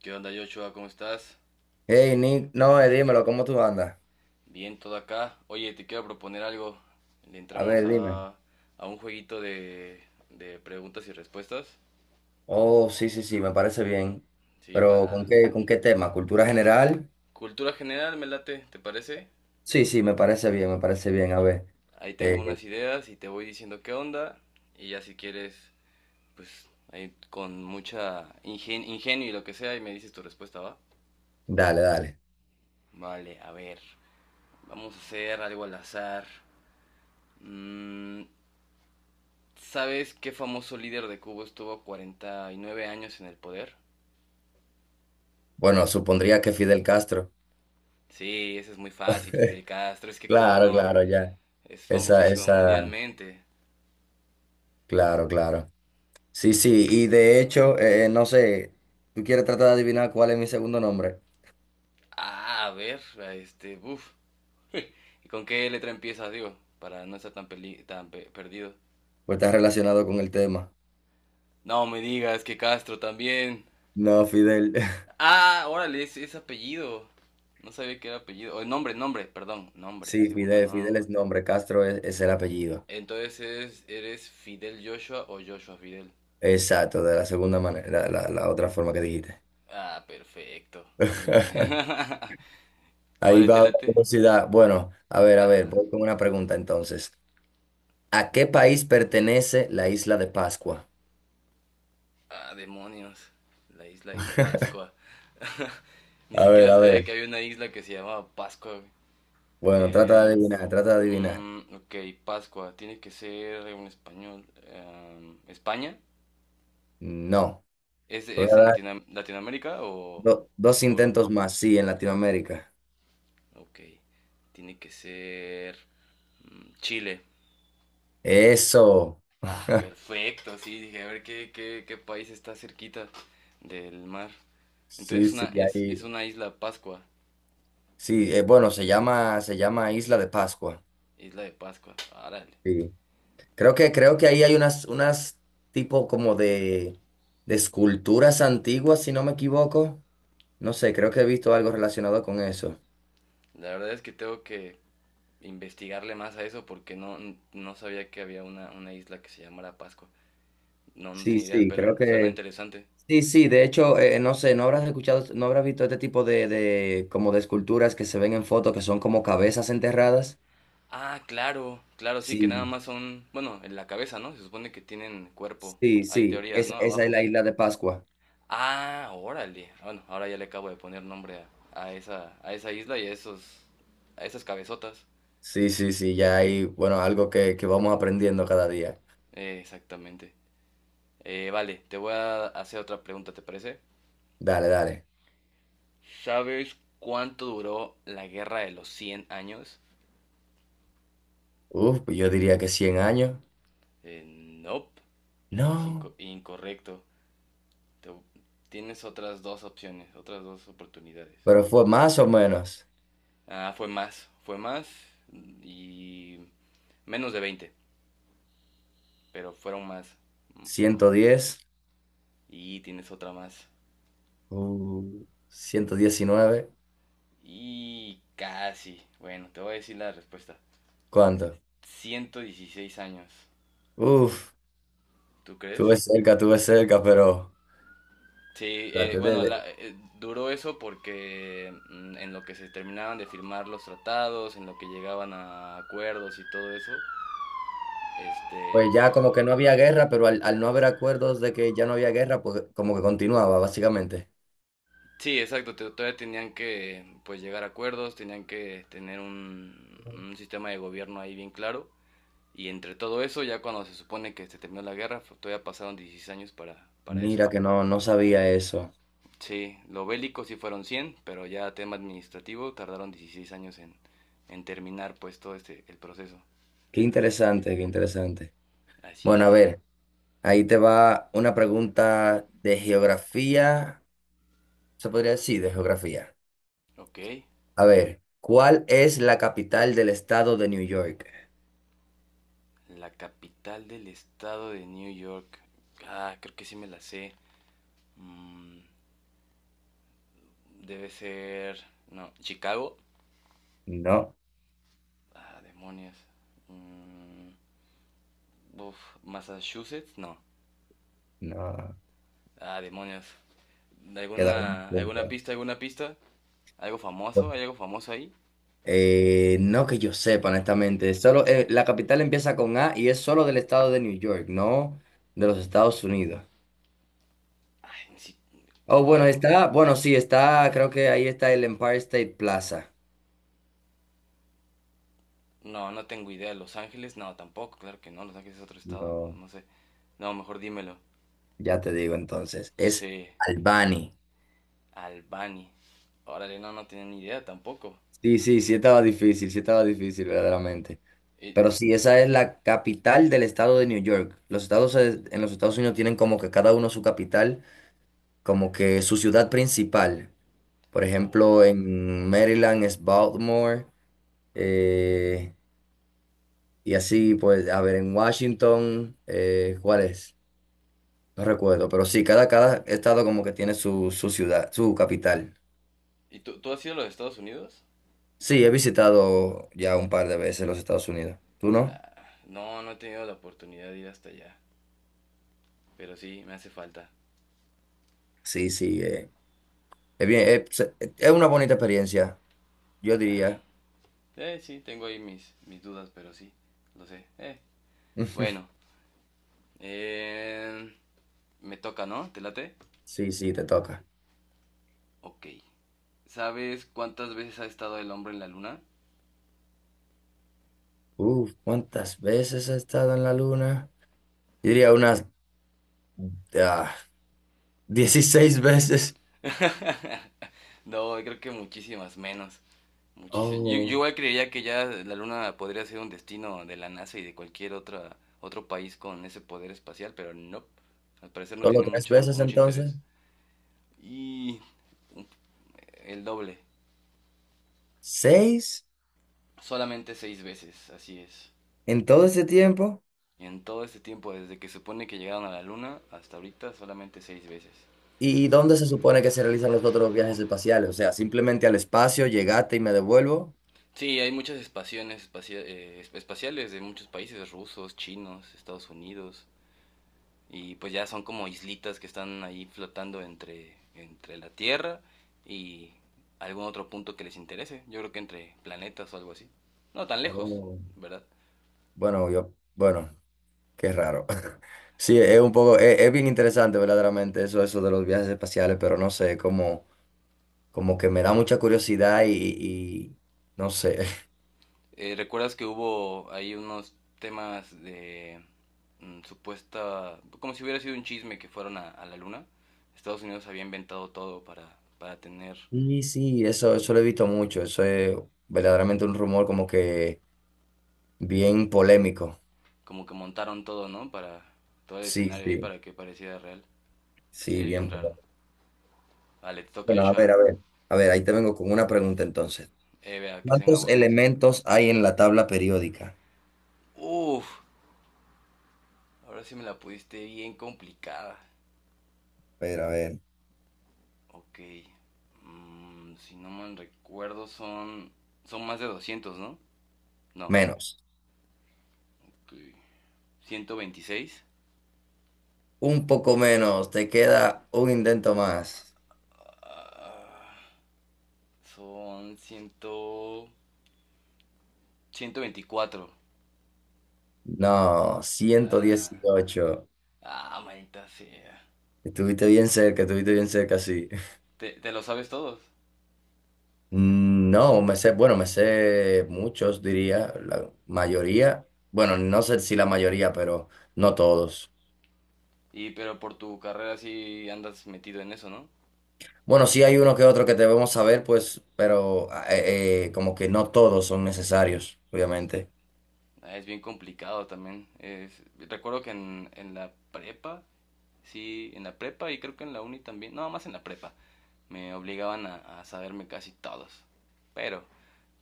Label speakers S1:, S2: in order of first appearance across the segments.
S1: ¿Qué onda, Joshua? ¿Cómo estás?
S2: Hey, Nick, no, dímelo, ¿cómo tú andas?
S1: Bien, todo acá. Oye, te quiero proponer algo. Le
S2: A
S1: entramos
S2: ver, dime.
S1: a un jueguito de preguntas y respuestas.
S2: Oh, sí, sí, sí, me parece bien.
S1: Sí,
S2: Pero
S1: para
S2: ¿con qué tema? ¿Cultura general?
S1: cultura general, me late, ¿te parece?
S2: Sí, sí, me parece bien, me parece bien. A ver,
S1: Ahí tengo
S2: eh,
S1: unas ideas y te voy diciendo qué onda. Y ya si quieres, pues ahí con mucha ingenio y lo que sea, y me dices tu respuesta, ¿va?
S2: dale, dale.
S1: Vale, a ver. Vamos a hacer algo al azar. Mm, ¿Sabes qué famoso líder de Cuba estuvo 49 años en el poder?
S2: Bueno, supondría que Fidel Castro.
S1: Sí, eso es muy fácil, Fidel Castro. Es que cómo
S2: Claro,
S1: no,
S2: claro, ya.
S1: es
S2: Esa,
S1: famosísimo
S2: esa,
S1: mundialmente.
S2: claro, claro. Sí, sí, y de hecho, no sé, ¿tú quieres tratar de adivinar cuál es mi segundo nombre?
S1: Ah, a ver, uff. ¿Y con qué letra empieza, digo? Para no estar tan, perdido.
S2: Pues está relacionado con el tema.
S1: No me digas que Castro también.
S2: No, Fidel.
S1: Ah, órale, es apellido. No sabía que era apellido. O perdón, nombre,
S2: Sí,
S1: segundo
S2: Fidel, Fidel
S1: nombre.
S2: es nombre, Castro es el apellido.
S1: Entonces, ¿eres Fidel Joshua o Joshua Fidel?
S2: Exacto, de la segunda manera, la otra forma que dijiste.
S1: Ah, perfecto. Muy bien.
S2: Ahí
S1: Vale, te
S2: va la
S1: late.
S2: curiosidad. Bueno, a ver,
S1: Ajá.
S2: voy con una pregunta entonces. ¿A qué país pertenece la isla de Pascua?
S1: Ah, demonios. La isla de Pascua. Ni
S2: A ver,
S1: siquiera
S2: a
S1: sabía
S2: ver.
S1: que había una isla que se llamaba Pascua. Güey.
S2: Bueno, trata de
S1: Eh,
S2: adivinar, trata de adivinar.
S1: ok, Pascua. Tiene que ser en español. ¿España?
S2: No. Te voy
S1: Es
S2: a
S1: en
S2: dar
S1: Latinoamérica o
S2: dos
S1: Europa?
S2: intentos más, sí, en Latinoamérica.
S1: Ok. Tiene que ser Chile.
S2: Eso.
S1: Ah, perfecto, sí, dije, a ver qué país está cerquita del mar.
S2: Sí,
S1: Entonces
S2: sí,
S1: es
S2: ahí.
S1: una isla Pascua,
S2: Sí, bueno, se llama Isla de Pascua.
S1: isla de Pascua, árale.
S2: Sí. Creo que,
S1: Mm,
S2: creo que ahí hay unas, unas tipo como de esculturas antiguas, si no me equivoco. No sé, creo que he visto algo relacionado con eso.
S1: La verdad es que tengo que investigarle más a eso porque no, no sabía que había una isla que se llamara Pascua. No, no
S2: Sí,
S1: tenía idea,
S2: sí,
S1: pero
S2: creo
S1: suena
S2: que...
S1: interesante.
S2: Sí, sí, de hecho, no sé, no habrás escuchado, no habrás visto este tipo como de esculturas que se ven en fotos que son como cabezas enterradas.
S1: Ah, claro, claro, sí, que nada
S2: Sí,
S1: más son, bueno, en la cabeza, ¿no? Se supone que tienen cuerpo.
S2: sí,
S1: Hay
S2: sí,
S1: teorías, ¿no?
S2: es, esa es
S1: Abajo.
S2: la isla de Pascua.
S1: Ah, órale. Ah, bueno, ahora ya le acabo de poner nombre a esa isla y a esos, a esas cabezotas.
S2: Sí, sí, sí, ya hay, bueno, algo que vamos aprendiendo cada día.
S1: Exactamente. Vale, te voy a hacer otra pregunta, ¿te parece?
S2: Dale, dale.
S1: ¿Sabes cuánto duró la guerra de los 100 años?
S2: Uf, pues yo diría que 100 años.
S1: Nope, es
S2: No,
S1: incorrecto. Te- tienes otras dos opciones, otras dos oportunidades.
S2: pero fue más o menos
S1: Ah, fue más y menos de 20, pero fueron más.
S2: 110,
S1: Y tienes otra más.
S2: uh, 119.
S1: Y casi. Bueno, te voy a decir la respuesta.
S2: ¿Cuánto?
S1: 116 años.
S2: Uf,
S1: ¿Tú crees?
S2: tuve cerca, pero
S1: Sí,
S2: traté
S1: bueno, duró eso porque en lo que se terminaban de firmar los tratados, en lo que llegaban a acuerdos y todo eso, este,
S2: pues ya
S1: pues
S2: como que no había guerra, pero al no haber acuerdos de que ya no había guerra, pues como que continuaba, básicamente.
S1: sí, exacto, todavía tenían que pues llegar a acuerdos, tenían que tener un sistema de gobierno ahí bien claro. Y entre todo eso, ya cuando se supone que se terminó la guerra, todavía pasaron 16 años para eso.
S2: Mira que no, no sabía eso.
S1: Sí, lo bélico sí fueron 100 pero ya tema administrativo tardaron 16 años en terminar pues todo este el proceso.
S2: Qué interesante, qué interesante.
S1: Así
S2: Bueno, a
S1: es.
S2: ver, ahí te va una pregunta de geografía, se podría decir, de geografía.
S1: Ok,
S2: A ver, ¿cuál es la capital del estado de New York?
S1: la capital del estado de New York. Ah, creo que sí me la sé. Mm, debe ser... No, Chicago.
S2: No,
S1: Ah, demonios. Mm, uf, Massachusetts, no.
S2: no,
S1: Ah, demonios.
S2: queda un
S1: ¿Alguna,
S2: punto.
S1: alguna pista, alguna pista? ¿Algo famoso?
S2: Bueno,
S1: ¿Hay algo famoso ahí?
S2: no que yo sepa, honestamente. Solo, la capital empieza con A y es solo del estado de New York, no de los Estados Unidos.
S1: Ay, sí.
S2: Oh, bueno,
S1: Wow.
S2: está, bueno, sí, está, creo que ahí está el Empire State Plaza.
S1: No, no tengo idea. ¿Los Ángeles? No, tampoco, claro que no. Los Ángeles es otro estado,
S2: No,
S1: no sé. No, mejor dímelo.
S2: ya te digo entonces, es
S1: Sí,
S2: Albany.
S1: Albany. Órale, no, no tenía ni idea tampoco.
S2: Sí, sí, sí estaba difícil, verdaderamente.
S1: Y,
S2: Pero sí, esa es la capital del estado de New York. Los estados en los Estados Unidos tienen como que cada uno su capital, como que su ciudad principal. Por
S1: oh.
S2: ejemplo, en Maryland es Baltimore, eh, y así, pues, a ver, en Washington, ¿cuál es? No recuerdo, pero sí, cada, cada estado como que tiene su, su ciudad, su capital.
S1: ¿Y tú has ido a los Estados Unidos?
S2: Sí, he visitado ya un par de veces los Estados Unidos. ¿Tú no?
S1: No, no he tenido la oportunidad de ir hasta allá. Pero sí, me hace falta.
S2: Sí, sí, es bien, es una bonita experiencia, yo diría.
S1: Sí, tengo ahí mis, mis dudas, pero sí, lo sé. Bueno, eh, me toca, ¿no? ¿Te late?
S2: Sí, sí, te toca.
S1: Ok. ¿Sabes cuántas veces ha estado el hombre en la luna?
S2: Uf, ¿cuántas veces he estado en la luna? Yo diría unas ah, 16 veces.
S1: No, creo que muchísimas menos. Muchísimas. Yo
S2: Oh,
S1: igual creería que ya la Luna podría ser un destino de la NASA y de cualquier otra, otro país con ese poder espacial, pero no. Al parecer no
S2: solo
S1: tiene
S2: tres
S1: mucho,
S2: veces
S1: mucho
S2: entonces.
S1: interés. Y el doble.
S2: ¿Seis
S1: Solamente 6 veces, así es.
S2: en todo ese tiempo?
S1: Y en todo este tiempo, desde que supone que llegaron a la Luna hasta ahorita, solamente 6 veces.
S2: ¿Y dónde se supone que se realizan los otros viajes espaciales? O sea, simplemente al espacio, llegaste y me devuelvo.
S1: Sí, hay muchas espaciales de muchos países, rusos, chinos, Estados Unidos, y pues ya son como islitas que están ahí flotando entre, entre la Tierra y algún otro punto que les interese. Yo creo que entre planetas o algo así. No tan lejos,
S2: Oh,
S1: ¿verdad?
S2: bueno, yo, bueno, qué raro. Sí, es un poco, es bien interesante verdaderamente eso, eso de los viajes espaciales, pero no sé, como, como que me da mucha curiosidad y no sé.
S1: ¿Recuerdas que hubo ahí unos temas de supuesta... como si hubiera sido un chisme que fueron a la Luna? Estados Unidos había inventado todo para tener...
S2: Sí, sí, eso lo he visto mucho, eso es verdaderamente un rumor como que... Bien polémico.
S1: Como que montaron todo, ¿no? Para todo el
S2: Sí,
S1: escenario ahí
S2: sí,
S1: para que pareciera real.
S2: sí,
S1: Bien
S2: bien
S1: raro.
S2: polémico.
S1: Vale, te toca,
S2: Bueno, a
S1: Joshua.
S2: ver, a ver. A ver, ahí te vengo con una pregunta entonces.
S1: Vea,
S2: ¿Cuántos
S1: que se...
S2: elementos hay en la tabla periódica?
S1: Uf, ahora sí me la pudiste bien complicada.
S2: A ver, a ver.
S1: Ok. Si no mal recuerdo, son. Son más de 200, ¿no? No.
S2: Menos.
S1: Okay. 126.
S2: Un poco menos. Te queda un intento más.
S1: Ah, son cien... 124.
S2: No, ciento
S1: Ah,
S2: dieciocho
S1: ah maldita sea.
S2: Estuviste bien cerca, sí.
S1: Te lo sabes todos.
S2: Mm, no, me sé, bueno, me sé muchos, diría, la mayoría. Bueno, no sé si la mayoría, pero no todos.
S1: Y pero por tu carrera sí andas metido en eso, ¿no?
S2: Bueno, sí hay uno que otro que debemos saber, pues, pero como que no todos son necesarios, obviamente.
S1: Ah, es bien complicado también. Recuerdo que en la prepa, sí, en la prepa y creo que en la uni también, no, más en la prepa, me obligaban a saberme casi todos. Pero,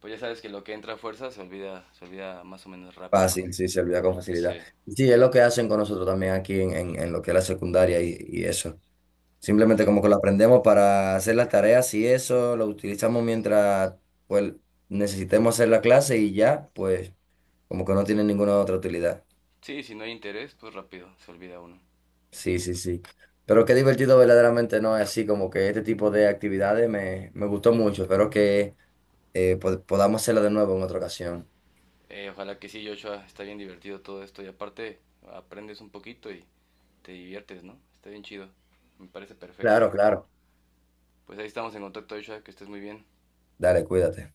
S1: pues ya sabes que lo que entra a fuerza se olvida más o menos rápido, ¿no?
S2: Fácil, sí, se olvida con facilidad.
S1: Sí,
S2: Y sí, es lo que hacen con nosotros también aquí en, en lo que es la secundaria y eso. Simplemente
S1: sí.
S2: como que lo aprendemos para hacer las tareas y eso, lo utilizamos mientras, pues, necesitemos hacer la clase y ya, pues, como que no tiene ninguna otra utilidad.
S1: Sí, si no hay interés, pues rápido, se olvida uno.
S2: Sí, sí, sí. Pero qué divertido verdaderamente, ¿no? Así como que este tipo de actividades me, me gustó mucho. Espero que podamos hacerlo de nuevo en otra ocasión.
S1: Ojalá que sí, Joshua, está bien divertido todo esto y aparte aprendes un poquito y te diviertes, ¿no? Está bien chido, me parece perfecto.
S2: Claro, claro.
S1: Pues ahí estamos en contacto, Joshua, que estés muy bien.
S2: Dale, cuídate.